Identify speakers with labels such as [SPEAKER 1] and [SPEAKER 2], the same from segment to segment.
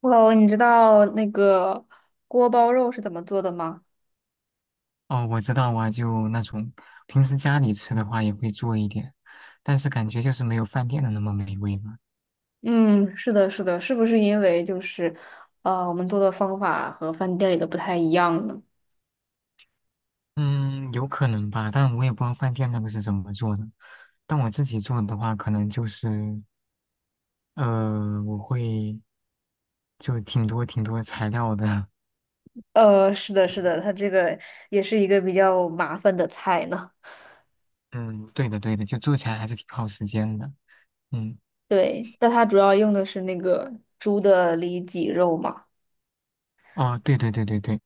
[SPEAKER 1] Hello，你知道那个锅包肉是怎么做的吗？
[SPEAKER 2] 哦，我知道啊，就那种平时家里吃的话也会做一点，但是感觉就是没有饭店的那么美味嘛。
[SPEAKER 1] 嗯，是的，是的，是不是因为就是，我们做的方法和饭店里的不太一样呢？
[SPEAKER 2] 嗯，有可能吧，但我也不知道饭店那个是怎么做的。但我自己做的话，可能就是我会就挺多挺多材料的。
[SPEAKER 1] 呃，是的，是的，它这个也是一个比较麻烦的菜呢。
[SPEAKER 2] 嗯，对的对的，就做起来还是挺耗时间的。嗯，
[SPEAKER 1] 对，但它主要用的是那个猪的里脊肉嘛。
[SPEAKER 2] 哦，对对对对对。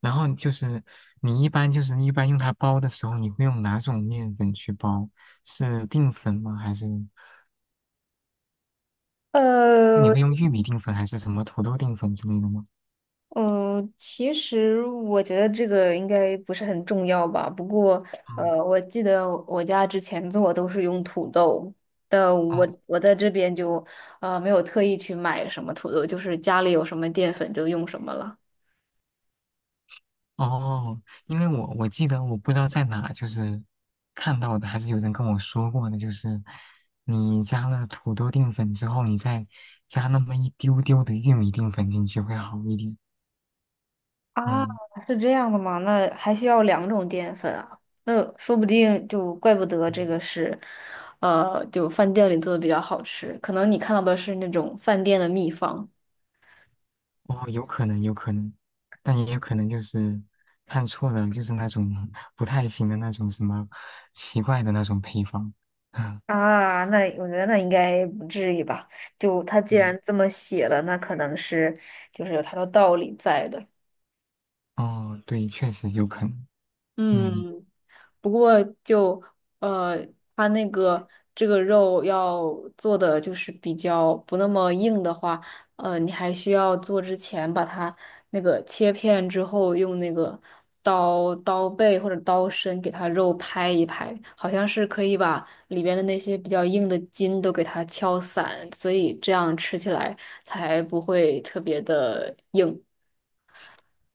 [SPEAKER 2] 然后就是你一般用它包的时候，你会用哪种面粉去包？是淀粉吗？还是？那你
[SPEAKER 1] 呃，
[SPEAKER 2] 会用玉米淀粉还是什么土豆淀粉之类的吗？
[SPEAKER 1] 嗯，其实我觉得这个应该不是很重要吧。不过，
[SPEAKER 2] 嗯，
[SPEAKER 1] 我记得我家之前做都是用土豆，但我
[SPEAKER 2] 哦
[SPEAKER 1] 我在这边就没有特意去买什么土豆，就是家里有什么淀粉就用什么了。
[SPEAKER 2] 哦，因为我记得我不知道在哪就是看到的，还是有人跟我说过的，就是你加了土豆淀粉之后，你再加那么一丢丢的玉米淀粉进去会好一点。
[SPEAKER 1] 啊，
[SPEAKER 2] 嗯
[SPEAKER 1] 是这样的吗？那还需要两种淀粉啊？那说不定就怪不得这
[SPEAKER 2] 嗯，
[SPEAKER 1] 个是，就饭店里做的比较好吃，可能你看到的是那种饭店的秘方。
[SPEAKER 2] 哦，有可能有可能，但也有可能就是看错了，就是那种 不太行的那种什么奇怪的那种配方。
[SPEAKER 1] 啊，那我觉得那应该不至于吧？就他既
[SPEAKER 2] 嗯，
[SPEAKER 1] 然这么写了，那可能是就是有他的道理在的。
[SPEAKER 2] 哦，对，确实有可能。嗯。
[SPEAKER 1] 嗯，不过就呃，它那个这个肉要做的就是比较不那么硬的话，你还需要做之前把它那个切片之后，用那个刀背或者刀身给它肉拍一拍，好像是可以把里边的那些比较硬的筋都给它敲散，所以这样吃起来才不会特别的硬。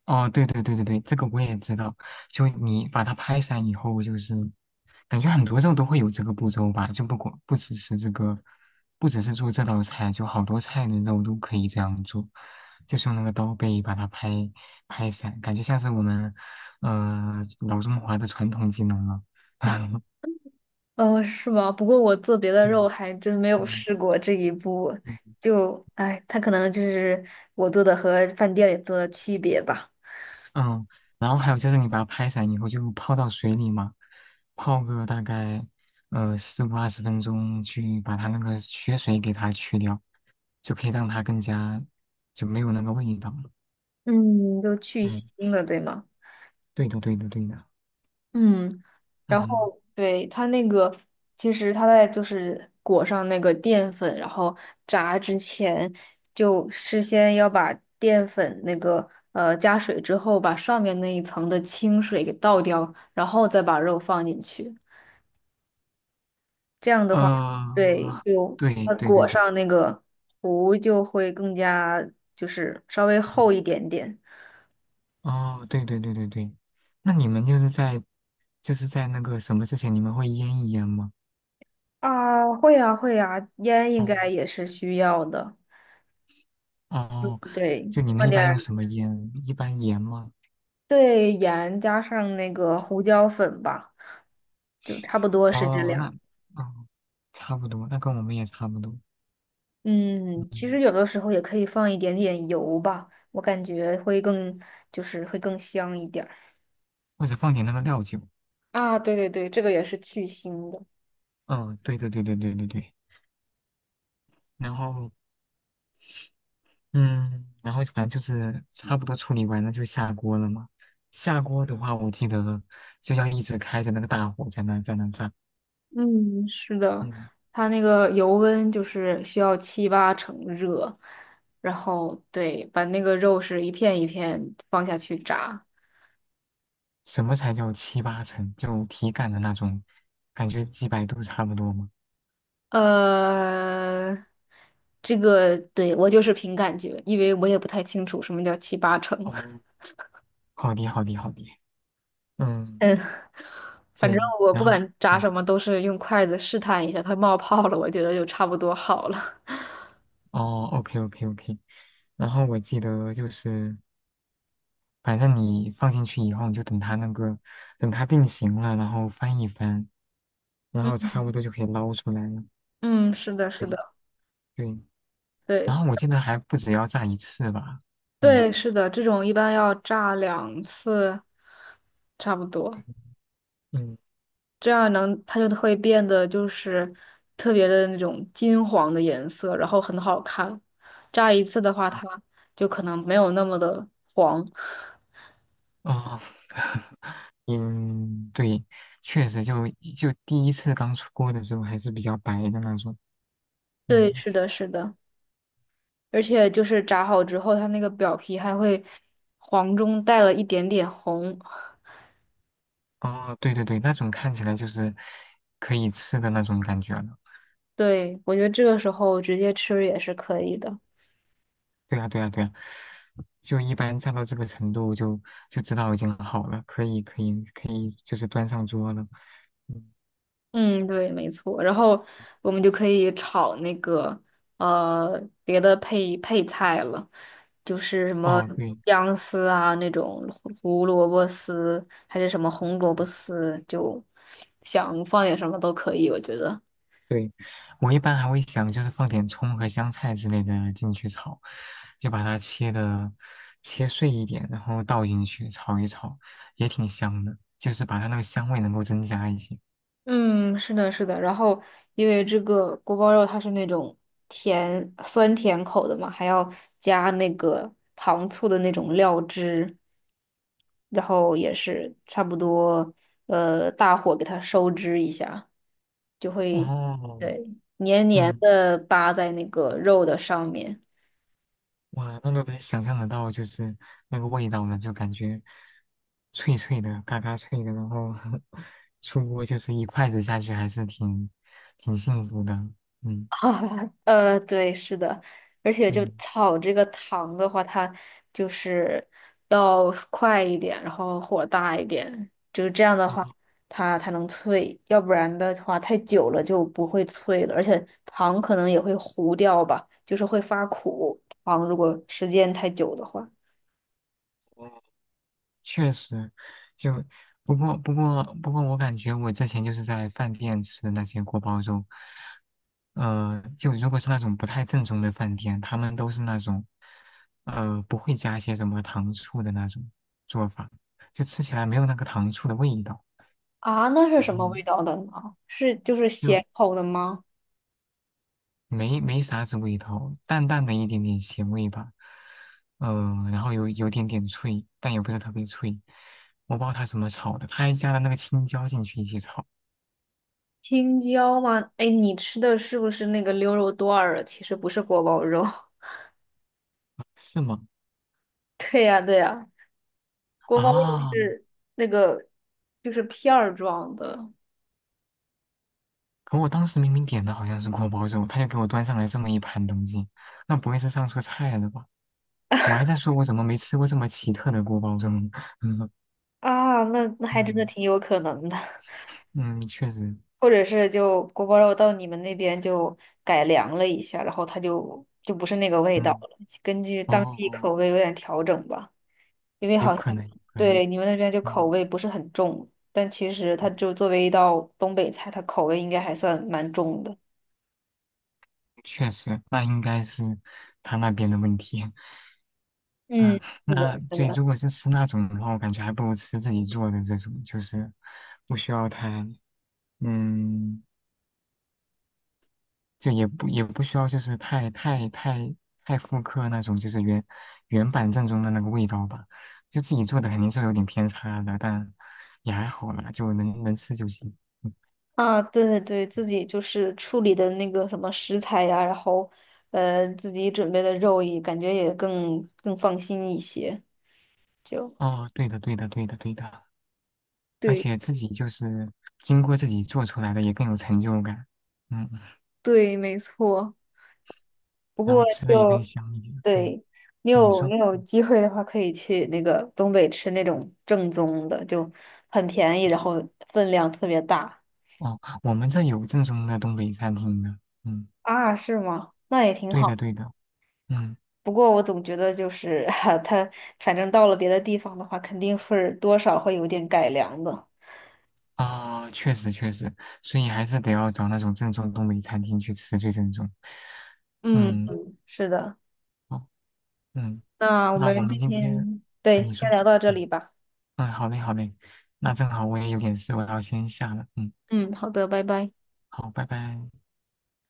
[SPEAKER 2] 哦，对对对对对，这个我也知道。就你把它拍散以后，就是感觉很多肉都会有这个步骤吧，就不只是这个，不只是做这道菜，就好多菜的肉都可以这样做，就是用那个刀背把它拍散，感觉像是我们老中华的传统技能了。
[SPEAKER 1] 哦，是吗？不过我做别的
[SPEAKER 2] 对，
[SPEAKER 1] 肉还真没有
[SPEAKER 2] 嗯
[SPEAKER 1] 试过这一步，
[SPEAKER 2] 嗯，嗯
[SPEAKER 1] 就，哎，它可能就是我做的和饭店里做的区别吧。
[SPEAKER 2] 嗯，然后还有就是你把它拍散以后就泡到水里嘛，泡个大概15到20分钟，去把它那个血水给它去掉，就可以让它更加就没有那个味道了。
[SPEAKER 1] 嗯，就
[SPEAKER 2] 嗯，
[SPEAKER 1] 蒸的，对吗？
[SPEAKER 2] 对的，对的，对的。
[SPEAKER 1] 嗯，然
[SPEAKER 2] 嗯，
[SPEAKER 1] 后对它那个，其实它在就是裹上那个淀粉，然后炸之前，就事先要把淀粉那个加水之后，把上面那一层的清水给倒掉，然后再把肉放进去。这样的话，对，
[SPEAKER 2] 呃，
[SPEAKER 1] 就
[SPEAKER 2] 对
[SPEAKER 1] 它
[SPEAKER 2] 对对
[SPEAKER 1] 裹
[SPEAKER 2] 对，
[SPEAKER 1] 上那个糊就会更加就是稍微厚
[SPEAKER 2] 嗯，
[SPEAKER 1] 一点点。
[SPEAKER 2] 哦，对对对对对，那你们就是在那个什么之前，你们会腌一腌吗？
[SPEAKER 1] 啊，会呀，会呀，烟应
[SPEAKER 2] 哦
[SPEAKER 1] 该也是需要的。
[SPEAKER 2] 哦，
[SPEAKER 1] 对，
[SPEAKER 2] 就你们
[SPEAKER 1] 放
[SPEAKER 2] 一
[SPEAKER 1] 点
[SPEAKER 2] 般用
[SPEAKER 1] 儿，
[SPEAKER 2] 什么腌？一般盐吗？
[SPEAKER 1] 对，盐加上那个胡椒粉吧，就差不多是这
[SPEAKER 2] 哦，
[SPEAKER 1] 两
[SPEAKER 2] 那，
[SPEAKER 1] 个
[SPEAKER 2] 哦，差不多，那跟我们也差不多。
[SPEAKER 1] 嗯，其
[SPEAKER 2] 嗯，
[SPEAKER 1] 实有的时候也可以放一点点油吧，我感觉会更，就是会更香一点儿。
[SPEAKER 2] 或者放点那个料酒。
[SPEAKER 1] 啊，对对对，这个也是去腥的。
[SPEAKER 2] 嗯，对对对对对对对。然后，嗯，然后反正就是差不多处理完了就下锅了嘛。下锅的话，我记得就要一直开着那个大火在那炸。
[SPEAKER 1] 嗯，是的，
[SPEAKER 2] 嗯，
[SPEAKER 1] 它那个油温就是需要七八成热，然后对，把那个肉是一片一片放下去炸。
[SPEAKER 2] 什么才叫七八成？就体感的那种，感觉几百度差不多嘛。
[SPEAKER 1] 呃，这个对我就是凭感觉，因为我也不太清楚什么叫七八成。
[SPEAKER 2] 哦，好的好的好的。嗯，
[SPEAKER 1] 嗯，反正
[SPEAKER 2] 对，
[SPEAKER 1] 我
[SPEAKER 2] 然
[SPEAKER 1] 不
[SPEAKER 2] 后。
[SPEAKER 1] 管炸
[SPEAKER 2] 对，
[SPEAKER 1] 什么，都是用筷子试探一下，它冒泡了，我觉得就差不多好了。
[SPEAKER 2] 哦，OK OK OK，然后我记得就是，反正你放进去以后，你就等它那个，等它定型了，然后翻一翻，然 后
[SPEAKER 1] 嗯
[SPEAKER 2] 差不多就可以捞出来了。
[SPEAKER 1] 嗯，是的，是
[SPEAKER 2] 对
[SPEAKER 1] 的，
[SPEAKER 2] 对，然
[SPEAKER 1] 对
[SPEAKER 2] 后我记得还不止要炸一次吧？嗯
[SPEAKER 1] 对，是的，这种一般要炸两次，差不多。
[SPEAKER 2] 嗯，
[SPEAKER 1] 这样能它就会变得就是特别的那种金黄的颜色，然后很好看。炸一次的话，
[SPEAKER 2] 啊，
[SPEAKER 1] 它就可能没有那么的黄。
[SPEAKER 2] 哦，嗯，对，确实就第一次刚出锅的时候还是比较白的那种。
[SPEAKER 1] 对，
[SPEAKER 2] 嗯，
[SPEAKER 1] 是的，是的，而且就是炸好之后，它那个表皮还会黄中带了一点点红。
[SPEAKER 2] 哦，对对对，那种看起来就是可以吃的那种感觉了。
[SPEAKER 1] 对，我觉得这个时候直接吃也是可以的。
[SPEAKER 2] 对啊，对啊，对啊，就一般炸到这个程度就知道已经好了，可以，可以，可以，就是端上桌了。嗯，
[SPEAKER 1] 嗯，对，没错。然后我们就可以炒那个呃别的配菜了，就是什么
[SPEAKER 2] 哦，对
[SPEAKER 1] 姜丝啊那种胡萝卜丝，还是什么红萝卜丝，就想放点什么都可以，我觉得。
[SPEAKER 2] 对，我一般还会想就是放点葱和香菜之类的进去炒，就把它切碎一点，然后倒进去炒一炒，也挺香的，就是把它那个香味能够增加一些。
[SPEAKER 1] 嗯，是的，是的。然后因为这个锅包肉它是那种甜酸甜口的嘛，还要加那个糖醋的那种料汁。然后也是差不多，大火给它收汁一下，就会
[SPEAKER 2] 哦，
[SPEAKER 1] 对黏黏
[SPEAKER 2] 嗯。
[SPEAKER 1] 的搭在那个肉的上面。
[SPEAKER 2] 哇，那都能想象得到，就是那个味道呢，就感觉脆脆的，嘎嘎脆的，然后 出锅就是一筷子下去，还是挺幸福的。嗯
[SPEAKER 1] 啊，对，是的，而且就
[SPEAKER 2] 嗯，
[SPEAKER 1] 炒这个糖的话，它就是要快一点，然后火大一点，就是这样的
[SPEAKER 2] 哦，
[SPEAKER 1] 话，它才能脆，要不然的话太久了就不会脆了，而且糖可能也会糊掉吧，就是会发苦。糖如果时间太久的话，
[SPEAKER 2] 确实，就不过，我感觉我之前就是在饭店吃的那些锅包肉，就如果是那种不太正宗的饭店，他们都是那种，不会加一些什么糖醋的那种做法，就吃起来没有那个糖醋的味道，
[SPEAKER 1] 啊，那是
[SPEAKER 2] 然
[SPEAKER 1] 什么
[SPEAKER 2] 后
[SPEAKER 1] 味道的呢？是就是
[SPEAKER 2] 就
[SPEAKER 1] 咸口的吗？
[SPEAKER 2] 没啥子味道，淡淡的一点点咸味吧，然后有点点脆，但也不是特别脆，我不知道它怎么炒的，它还加了那个青椒进去一起炒。
[SPEAKER 1] 青椒吗？哎，你吃的是不是那个溜肉段儿啊？其实不是锅包肉。
[SPEAKER 2] 是吗？
[SPEAKER 1] 对呀，对呀，锅包肉
[SPEAKER 2] 啊，
[SPEAKER 1] 是那个就是片儿装的
[SPEAKER 2] 可我当时明明点的好像是锅包肉，他就给我端上来这么一盘东西，那不会是上错菜了吧？我还在说我怎么没吃过这么奇特的锅包肉呢。嗯
[SPEAKER 1] 啊，那那还真的
[SPEAKER 2] 嗯
[SPEAKER 1] 挺有可能的，
[SPEAKER 2] 嗯，确实，
[SPEAKER 1] 或者是就锅包肉到你们那边就改良了一下，然后它就不是那个味道
[SPEAKER 2] 嗯，
[SPEAKER 1] 了，根据当地
[SPEAKER 2] 哦，
[SPEAKER 1] 口味有点调整吧，因为
[SPEAKER 2] 有
[SPEAKER 1] 好
[SPEAKER 2] 可
[SPEAKER 1] 像
[SPEAKER 2] 能，有可能，
[SPEAKER 1] 对你们那边就口
[SPEAKER 2] 嗯，
[SPEAKER 1] 味不是很重，但其实它就作为一道东北菜，它口味应该还算蛮重的。
[SPEAKER 2] 确实，那应该是他那边的问题。
[SPEAKER 1] 嗯，
[SPEAKER 2] 啊，
[SPEAKER 1] 是的，
[SPEAKER 2] 那
[SPEAKER 1] 是
[SPEAKER 2] 对，
[SPEAKER 1] 的。
[SPEAKER 2] 如果是吃那种的话，我感觉还不如吃自己做的这种，就是不需要太，嗯。就也不需要就是太复刻那种就是原版正宗的那个味道吧，就自己做的肯定是有点偏差的，但也还好啦，就能吃就行。嗯，
[SPEAKER 1] 啊，对对对，自己就是处理的那个什么食材呀，然后自己准备的肉也感觉也更放心一些，就
[SPEAKER 2] 哦，对的对的对的对的，而
[SPEAKER 1] 对
[SPEAKER 2] 且自己就是经过自己做出来的也更有成就感，嗯，
[SPEAKER 1] 对，没错。不
[SPEAKER 2] 然
[SPEAKER 1] 过
[SPEAKER 2] 后吃的也更
[SPEAKER 1] 就
[SPEAKER 2] 香一点，嗯，
[SPEAKER 1] 对你
[SPEAKER 2] 跟你
[SPEAKER 1] 有
[SPEAKER 2] 说，
[SPEAKER 1] 你有机会的话，可以去那个东北吃那种正宗的，就很便宜，然后分量特别大
[SPEAKER 2] 哦，我们这有正宗的东北餐厅的，嗯，
[SPEAKER 1] 啊，是吗？那也挺
[SPEAKER 2] 对
[SPEAKER 1] 好。
[SPEAKER 2] 的对的，嗯。
[SPEAKER 1] 不过我总觉得就是 它，反正到了别的地方的话，肯定会多少会有点改良的。
[SPEAKER 2] 啊，确实确实，所以还是得要找那种正宗东北餐厅去吃最正宗。
[SPEAKER 1] 嗯
[SPEAKER 2] 嗯，
[SPEAKER 1] 嗯，是的。
[SPEAKER 2] 好，嗯，
[SPEAKER 1] 那我
[SPEAKER 2] 那我
[SPEAKER 1] 们
[SPEAKER 2] 们
[SPEAKER 1] 今
[SPEAKER 2] 今天，
[SPEAKER 1] 天，
[SPEAKER 2] 啊，
[SPEAKER 1] 对，
[SPEAKER 2] 你
[SPEAKER 1] 先
[SPEAKER 2] 说，
[SPEAKER 1] 聊到这里
[SPEAKER 2] 嗯，
[SPEAKER 1] 吧。
[SPEAKER 2] 嗯，好嘞好嘞，那正好我也有点事，我要先下了，嗯，
[SPEAKER 1] 嗯，好的，拜拜。
[SPEAKER 2] 好，拜拜。